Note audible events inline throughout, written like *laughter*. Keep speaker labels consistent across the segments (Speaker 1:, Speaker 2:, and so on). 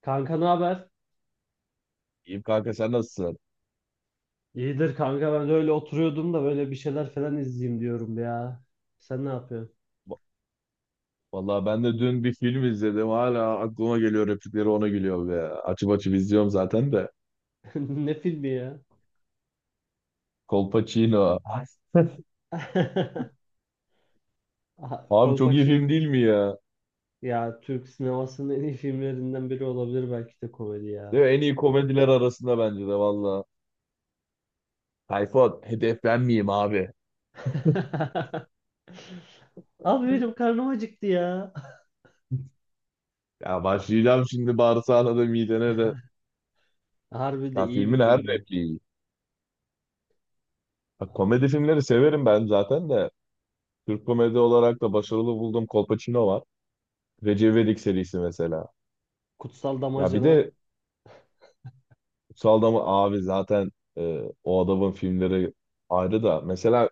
Speaker 1: Kanka ne haber?
Speaker 2: İyiyim kanka sen nasılsın?
Speaker 1: İyidir kanka, ben de öyle oturuyordum da böyle bir şeyler falan izleyeyim diyorum ya. Sen ne yapıyorsun?
Speaker 2: Va- Vallahi ben de dün bir film izledim. Hala aklıma geliyor replikleri ona gülüyor be. Açıp açıp izliyorum zaten de.
Speaker 1: *laughs* Ne filmi ya?
Speaker 2: Colpacino. Ay,
Speaker 1: *laughs* Aha,
Speaker 2: abi çok iyi
Speaker 1: Kolpaçin.
Speaker 2: film değil mi ya?
Speaker 1: Ya Türk sinemasının en iyi filmlerinden biri olabilir belki de, komedi ya.
Speaker 2: Değil mi? En iyi komediler arasında bence de valla. Tayfun hedef ben miyim abi?
Speaker 1: *laughs* Abi benim karnım acıktı ya.
Speaker 2: Ya başlayacağım şimdi bağırsağına da midene de.
Speaker 1: *laughs* Harbi de
Speaker 2: Ya
Speaker 1: iyi bir
Speaker 2: filmin her
Speaker 1: filmdi.
Speaker 2: repliği iyi. Bak, komedi filmleri severim ben zaten de. Türk komedi olarak da başarılı bulduğum Kolpaçino var. Recep İvedik serisi mesela.
Speaker 1: Kutsal
Speaker 2: Ya bir
Speaker 1: Damacana.
Speaker 2: de Kutsal mı abi zaten o adamın filmleri ayrı da. Mesela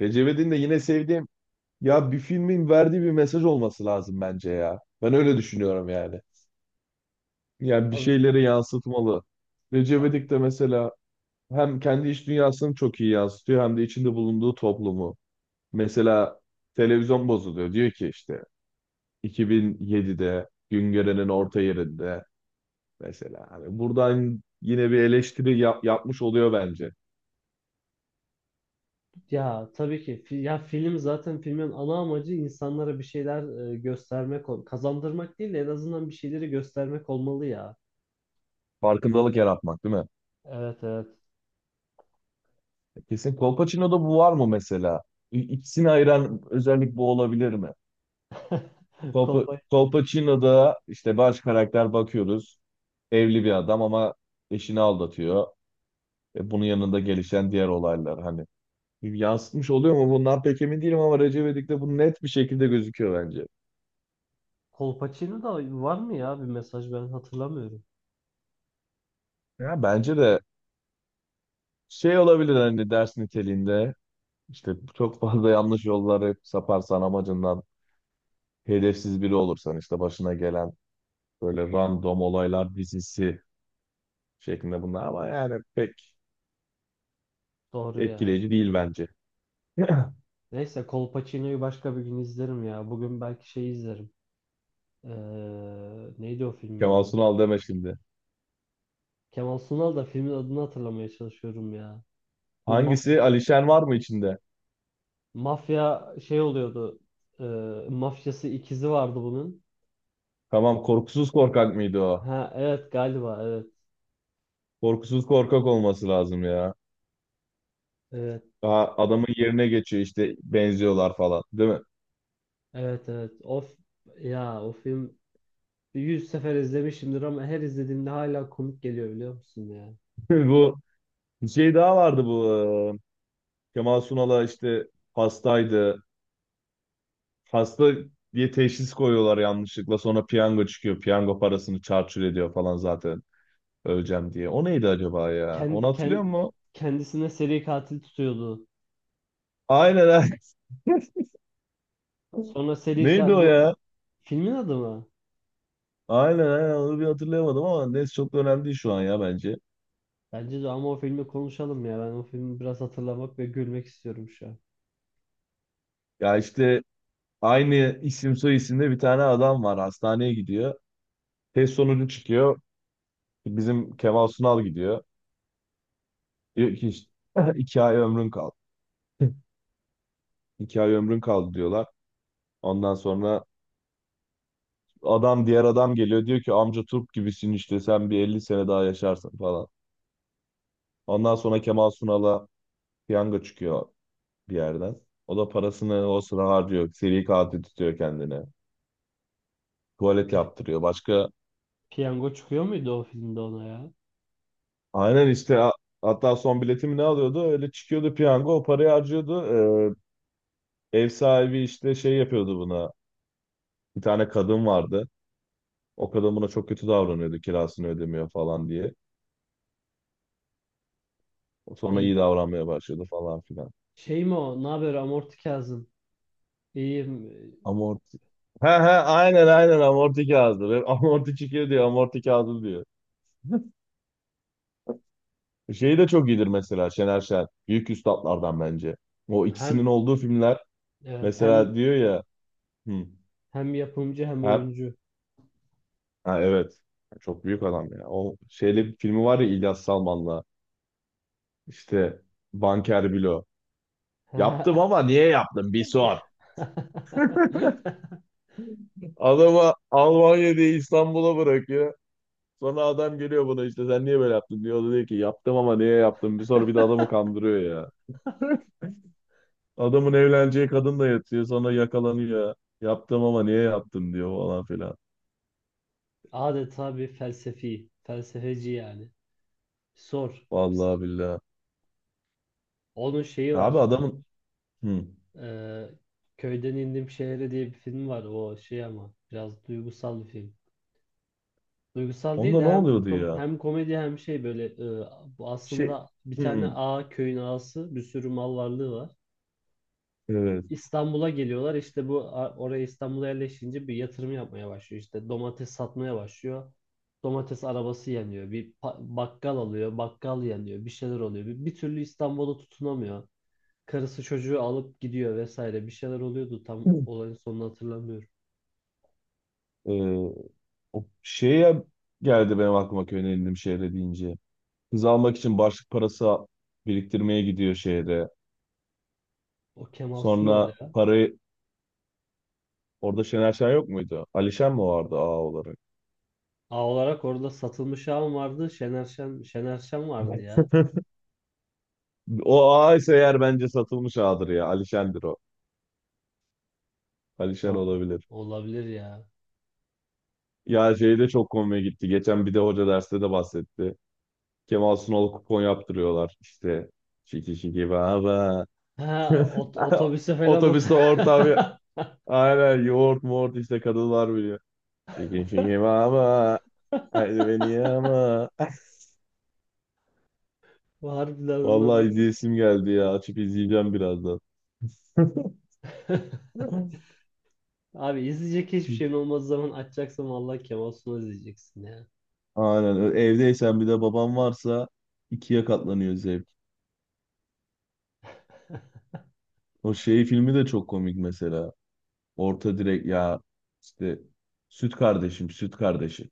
Speaker 2: Recep de yine sevdiğim ya bir filmin verdiği bir mesaj olması lazım bence ya. Ben öyle düşünüyorum yani. Yani bir
Speaker 1: Tabii,
Speaker 2: şeyleri yansıtmalı. Recep
Speaker 1: tabii.
Speaker 2: İvedik de mesela hem kendi iç dünyasını çok iyi yansıtıyor hem de içinde bulunduğu toplumu. Mesela televizyon bozuluyor. Diyor ki işte 2007'de Güngören'in orta yerinde mesela. Hani buradan yine bir eleştiri yapmış oluyor bence.
Speaker 1: Ya tabii ki ya film, zaten filmin ana amacı insanlara bir şeyler göstermek, kazandırmak değil de en azından bir şeyleri göstermek olmalı ya.
Speaker 2: Farkındalık yaratmak değil mi?
Speaker 1: Evet, evet.
Speaker 2: Kesin. Kolpaçino'da bu var mı mesela? İkisini ayıran özellik bu olabilir mi?
Speaker 1: *laughs*
Speaker 2: Kolpa,
Speaker 1: Kolpa
Speaker 2: Kolpaçino'da işte baş karakter bakıyoruz. Evli bir adam ama eşini aldatıyor. Bunun yanında gelişen diğer olaylar hani. Yansıtmış oluyor mu? Bundan pek emin değilim ama Recep İvedik'te bu net bir şekilde gözüküyor bence.
Speaker 1: Kolpaçino da var mı ya bir mesaj, ben hatırlamıyorum.
Speaker 2: Ya bence de şey olabilir hani ders niteliğinde işte çok fazla yanlış yollara hep saparsan amacından hedefsiz biri olursan işte başına gelen böyle random olaylar dizisi şeklinde bunlar ama yani pek
Speaker 1: Doğru ya.
Speaker 2: etkileyici değil bence. *clears throat*
Speaker 1: Neyse, Kolpaçino'yu başka bir gün izlerim ya. Bugün belki şey izlerim. Ee, neydi o filmin
Speaker 2: Kemal
Speaker 1: adı?
Speaker 2: Sunal deme şimdi.
Speaker 1: Kemal Sunal, da filmin adını hatırlamaya çalışıyorum ya. Bu mafya,
Speaker 2: Hangisi? Alişen var mı içinde?
Speaker 1: şey oluyordu. Ee, mafyası, ikizi vardı bunun.
Speaker 2: Tamam, Korkusuz Korkak mıydı o?
Speaker 1: Ha evet, galiba evet.
Speaker 2: Korkusuz Korkak olması lazım ya.
Speaker 1: Evet.
Speaker 2: Daha adamın yerine geçiyor işte benziyorlar falan değil mi?
Speaker 1: Evet, evet. Of ya, o film 100 sefer izlemişimdir ama her izlediğimde hala komik geliyor biliyor musun ya?
Speaker 2: *laughs* Bu bir şey daha vardı bu. e, Kemal Sunal'a işte hastaydı. Hasta diye teşhis koyuyorlar yanlışlıkla. Sonra piyango çıkıyor. Piyango parasını çarçur ediyor falan zaten. Öleceğim diye. O neydi acaba ya? Onu
Speaker 1: Kend,
Speaker 2: hatırlıyor
Speaker 1: kend,
Speaker 2: musun?
Speaker 1: kendisine seri katil tutuyordu.
Speaker 2: Aynen, aynen. *laughs*
Speaker 1: Sonra seri
Speaker 2: Neydi
Speaker 1: katil,
Speaker 2: o
Speaker 1: bu
Speaker 2: ya?
Speaker 1: filmin adı mı?
Speaker 2: Aynen, aynen, onu bir hatırlayamadım ama neyse çok da önemli değil şu an ya bence.
Speaker 1: Bence de, ama o filmi konuşalım ya. Ben o filmi biraz hatırlamak ve gülmek istiyorum şu an.
Speaker 2: Ya işte aynı isim soy isimde bir tane adam var, hastaneye gidiyor. Test sonucu çıkıyor. Bizim Kemal Sunal gidiyor. Diyor ki işte, *laughs* 2 ay ömrün kaldı. *laughs* İki ay ömrün kaldı diyorlar. Ondan sonra diğer adam geliyor, diyor ki amca turp gibisin, işte sen bir 50 sene daha yaşarsın falan. Ondan sonra Kemal Sunal'a piyango çıkıyor bir yerden. O da parasını o sıra harcıyor. Seri katil tutuyor kendine. Tuvalet
Speaker 1: Pi-
Speaker 2: yaptırıyor. Başka
Speaker 1: piyango çıkıyor muydu o filmde ona ya?
Speaker 2: aynen işte hatta son biletimi ne alıyordu? Öyle çıkıyordu piyango. O parayı harcıyordu. Ev sahibi işte şey yapıyordu buna. Bir tane kadın vardı. O kadın buna çok kötü davranıyordu. Kirasını ödemiyor falan diye. Sonra
Speaker 1: İyi.
Speaker 2: iyi davranmaya başladı falan filan.
Speaker 1: Şey mi o? Ne haber Amorti Kazım? İyiyim.
Speaker 2: Amorti. He he, aynen aynen, amorti kağıdı. Ve *laughs* amorti çıkıyor diyor. Amorti kağıdı diyor. Şey de çok iyidir mesela, Şener Şen. Büyük üstatlardan bence. O
Speaker 1: Hem
Speaker 2: ikisinin olduğu filmler
Speaker 1: evet,
Speaker 2: mesela, diyor ya, hı,
Speaker 1: hem yapımcı hem
Speaker 2: her,
Speaker 1: oyuncu.
Speaker 2: ha, evet, çok büyük adam ya. O şeyli bir filmi var ya İlyas Salman'la, işte Banker Bilo. Yaptım
Speaker 1: *laughs*
Speaker 2: ama niye yaptım bir sor. Adamı Almanya diye İstanbul'a bırakıyor. Sonra adam geliyor buna, işte sen niye böyle yaptın diyor. O da diyor ki yaptım ama niye yaptım bir sor, bir de adamı kandırıyor ya. Adamın evleneceği kadın da yatıyor, sonra yakalanıyor. Yaptım ama niye yaptım diyor falan filan.
Speaker 1: Adeta bir felsefi, felsefeci yani. Sor.
Speaker 2: Vallahi billahi.
Speaker 1: Onun şeyi
Speaker 2: Ya abi
Speaker 1: var.
Speaker 2: adamın hı.
Speaker 1: Ee, Köyden indim şehre diye bir film var. O şey, ama biraz duygusal bir film. Duygusal değil
Speaker 2: Onda
Speaker 1: de
Speaker 2: ne
Speaker 1: hem
Speaker 2: oluyordu ya?
Speaker 1: hem komedi hem şey böyle bu
Speaker 2: Şey.
Speaker 1: aslında bir
Speaker 2: Hı.
Speaker 1: tane
Speaker 2: Hı.
Speaker 1: ağa, köyün ağası, bir sürü mal varlığı var.
Speaker 2: Evet.
Speaker 1: İstanbul'a geliyorlar. İşte bu oraya, İstanbul'a yerleşince bir yatırım yapmaya başlıyor. İşte domates satmaya başlıyor. Domates arabası yanıyor. Bir bakkal alıyor. Bakkal yanıyor. Bir şeyler oluyor. Bir türlü İstanbul'a tutunamıyor. Karısı çocuğu alıp gidiyor vesaire. Bir şeyler oluyordu. Tam
Speaker 2: *clears throat*
Speaker 1: olayın sonunu hatırlamıyorum.
Speaker 2: Hı. O şeye geldi benim aklıma, köyün elindim şehre deyince. Kız almak için başlık parası biriktirmeye gidiyor şehre.
Speaker 1: O Kemal Sunal
Speaker 2: Sonra
Speaker 1: ya.
Speaker 2: parayı orada, Şener Şen yok muydu? Alişen mi vardı ağ olarak?
Speaker 1: A olarak orada satılmış ağam vardı. Şener Şen vardı ya.
Speaker 2: O ağ ise eğer bence satılmış ağdır ya. Alişen'dir o.
Speaker 1: Ha,
Speaker 2: Alişen olabilir.
Speaker 1: olabilir ya.
Speaker 2: Ya şey de çok komik gitti. Geçen bir de hoca derste de bahsetti. Kemal Sunal kupon yaptırıyorlar. İşte şiki şiki baba.
Speaker 1: Ha,
Speaker 2: *laughs*
Speaker 1: otobüse falan ot
Speaker 2: Otobüste ortam.
Speaker 1: *laughs*
Speaker 2: Aynen, yoğurt muğurt işte kadınlar biliyor. Şiki şiki baba. Haydi beni yama. *laughs*
Speaker 1: Harbiden onlar
Speaker 2: Vallahi izleyesim geldi ya. Açıp izleyeceğim birazdan. *laughs*
Speaker 1: *laughs* Abi izleyecek hiçbir şeyin olmadığı zaman açacaksın, vallahi Kemal Sunal izleyeceksin ya.
Speaker 2: Aynen. Evdeysen bir de babam varsa ikiye katlanıyor zevk. O şey filmi de çok komik mesela. Orta direk ya, işte süt kardeşim, süt kardeşi.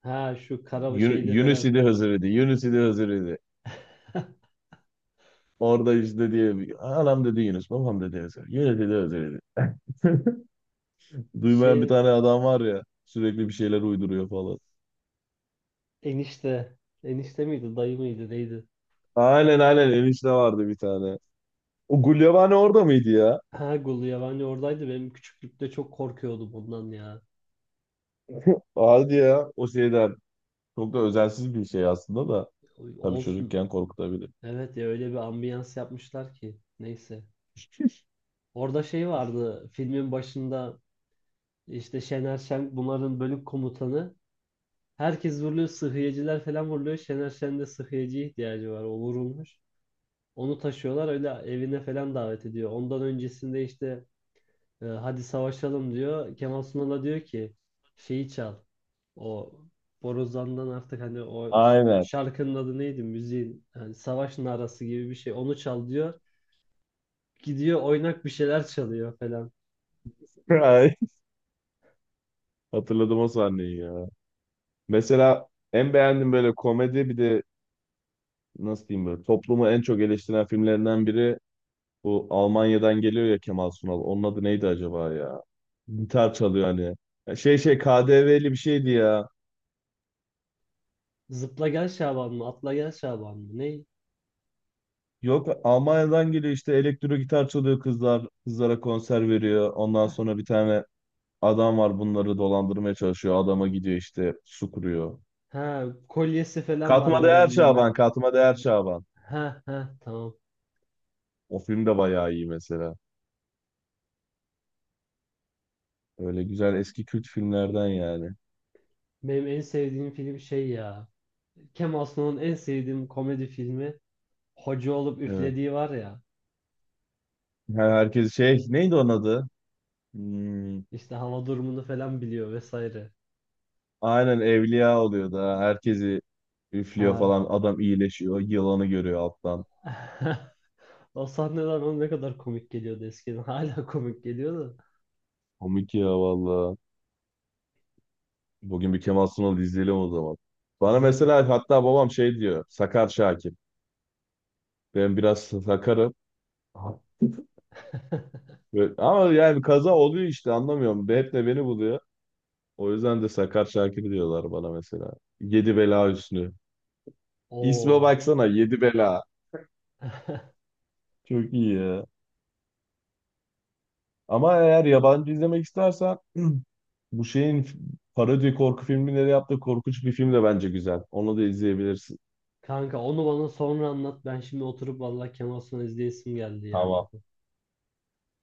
Speaker 1: Ha şu kara şeyli
Speaker 2: Yunus
Speaker 1: falan.
Speaker 2: idi Hızır idi. Yunus idi Hızır idi.
Speaker 1: *laughs*
Speaker 2: Orada işte diye, anam dedi Yunus, babam dedi Hızır. Yunus dedi Hızır idi. Duymayan bir
Speaker 1: Şey,
Speaker 2: tane adam var ya, sürekli bir şeyler uyduruyor falan.
Speaker 1: enişte. Enişte miydi, dayı mıydı, neydi?
Speaker 2: Aynen aynen, enişte vardı bir tane. O Gulyabani orada mıydı ya?
Speaker 1: Ha, Gulu Yabani oradaydı. Benim küçüklükte çok korkuyordum bundan ya.
Speaker 2: *laughs* Hadi ya o şeyden. Çok da özensiz bir şey aslında da. Tabii
Speaker 1: Olsun.
Speaker 2: çocukken korkutabilir.
Speaker 1: Evet ya, öyle bir ambiyans yapmışlar ki. Neyse. Orada şey vardı filmin başında, işte Şener Şen bunların bölük komutanı. Herkes vuruluyor, sıhhiyeciler falan vuruluyor. Şener Şen'de sıhhiyeciye ihtiyacı var. O vurulmuş. Onu taşıyorlar, öyle evine falan davet ediyor. Ondan öncesinde işte hadi savaşalım diyor. Kemal Sunal'a diyor ki şeyi çal. O borazan'dan artık, hani o
Speaker 2: Aynen.
Speaker 1: şarkının adı neydi? Müziğin, hani savaş narası gibi bir şey. Onu çal diyor. Gidiyor, oynak bir şeyler çalıyor falan.
Speaker 2: *laughs* Ay, hatırladım o sahneyi ya. Mesela en beğendiğim böyle komedi, bir de nasıl diyeyim, böyle toplumu en çok eleştiren filmlerinden biri bu Almanya'dan geliyor ya Kemal Sunal. Onun adı neydi acaba ya? Gitar çalıyor hani. Ya Şey KDV'li bir şeydi ya.
Speaker 1: Zıpla Gel Şaban mı? Atla Gel Şaban mı? Ne?
Speaker 2: Yok, Almanya'dan geliyor işte, elektro gitar çalıyor kızlar. Kızlara konser veriyor. Ondan sonra bir tane adam var, bunları dolandırmaya çalışıyor. Adama gidiyor, işte su kuruyor.
Speaker 1: Ha, kolyesi falan var
Speaker 2: Katma
Speaker 1: böyle.
Speaker 2: Değer
Speaker 1: Meh.
Speaker 2: Şaban, Katma Değer Şaban.
Speaker 1: Ha ha, tamam.
Speaker 2: O film de bayağı iyi mesela. Öyle güzel eski kült filmlerden yani.
Speaker 1: Benim en sevdiğim film şey ya. Kemal Sunal'ın en sevdiğim komedi filmi, hoca olup
Speaker 2: Evet.
Speaker 1: üflediği var ya.
Speaker 2: Herkes şey, neydi onun adı? Hmm.
Speaker 1: İşte hava durumunu falan biliyor vesaire.
Speaker 2: Aynen, evliya oluyor da herkesi üflüyor
Speaker 1: Ha.
Speaker 2: falan, adam iyileşiyor, yılanı görüyor alttan.
Speaker 1: *laughs* O sahneler bana ne kadar komik geliyordu eskiden. *laughs* Hala komik geliyordu da.
Speaker 2: Komik ya valla. Bugün bir Kemal Sunal izleyelim o zaman. Bana
Speaker 1: İzleriz.
Speaker 2: mesela, hatta babam şey diyor, sakar Şakir. Ben biraz sakarım.
Speaker 1: *laughs*
Speaker 2: Ama yani kaza oluyor işte, anlamıyorum. Hep de beni buluyor. O yüzden de sakar Şakir diyorlar bana mesela. Yedi bela üstü. İsme
Speaker 1: Oo.
Speaker 2: baksana, yedi bela.
Speaker 1: *laughs*
Speaker 2: Çok iyi ya. Ama eğer yabancı izlemek istersen *clears throat* bu şeyin parodi korku filmleri yaptığı Korkunç Bir Film de bence güzel. Onu da izleyebilirsin.
Speaker 1: Kanka, onu bana sonra anlat. Ben şimdi oturup vallahi Kemal Sunal izleyesim geldi ya.
Speaker 2: Tamam.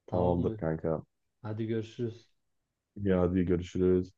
Speaker 1: Tamam
Speaker 2: Tamamdır
Speaker 1: mı?
Speaker 2: kanka.
Speaker 1: Hadi görüşürüz.
Speaker 2: Ya hadi görüşürüz.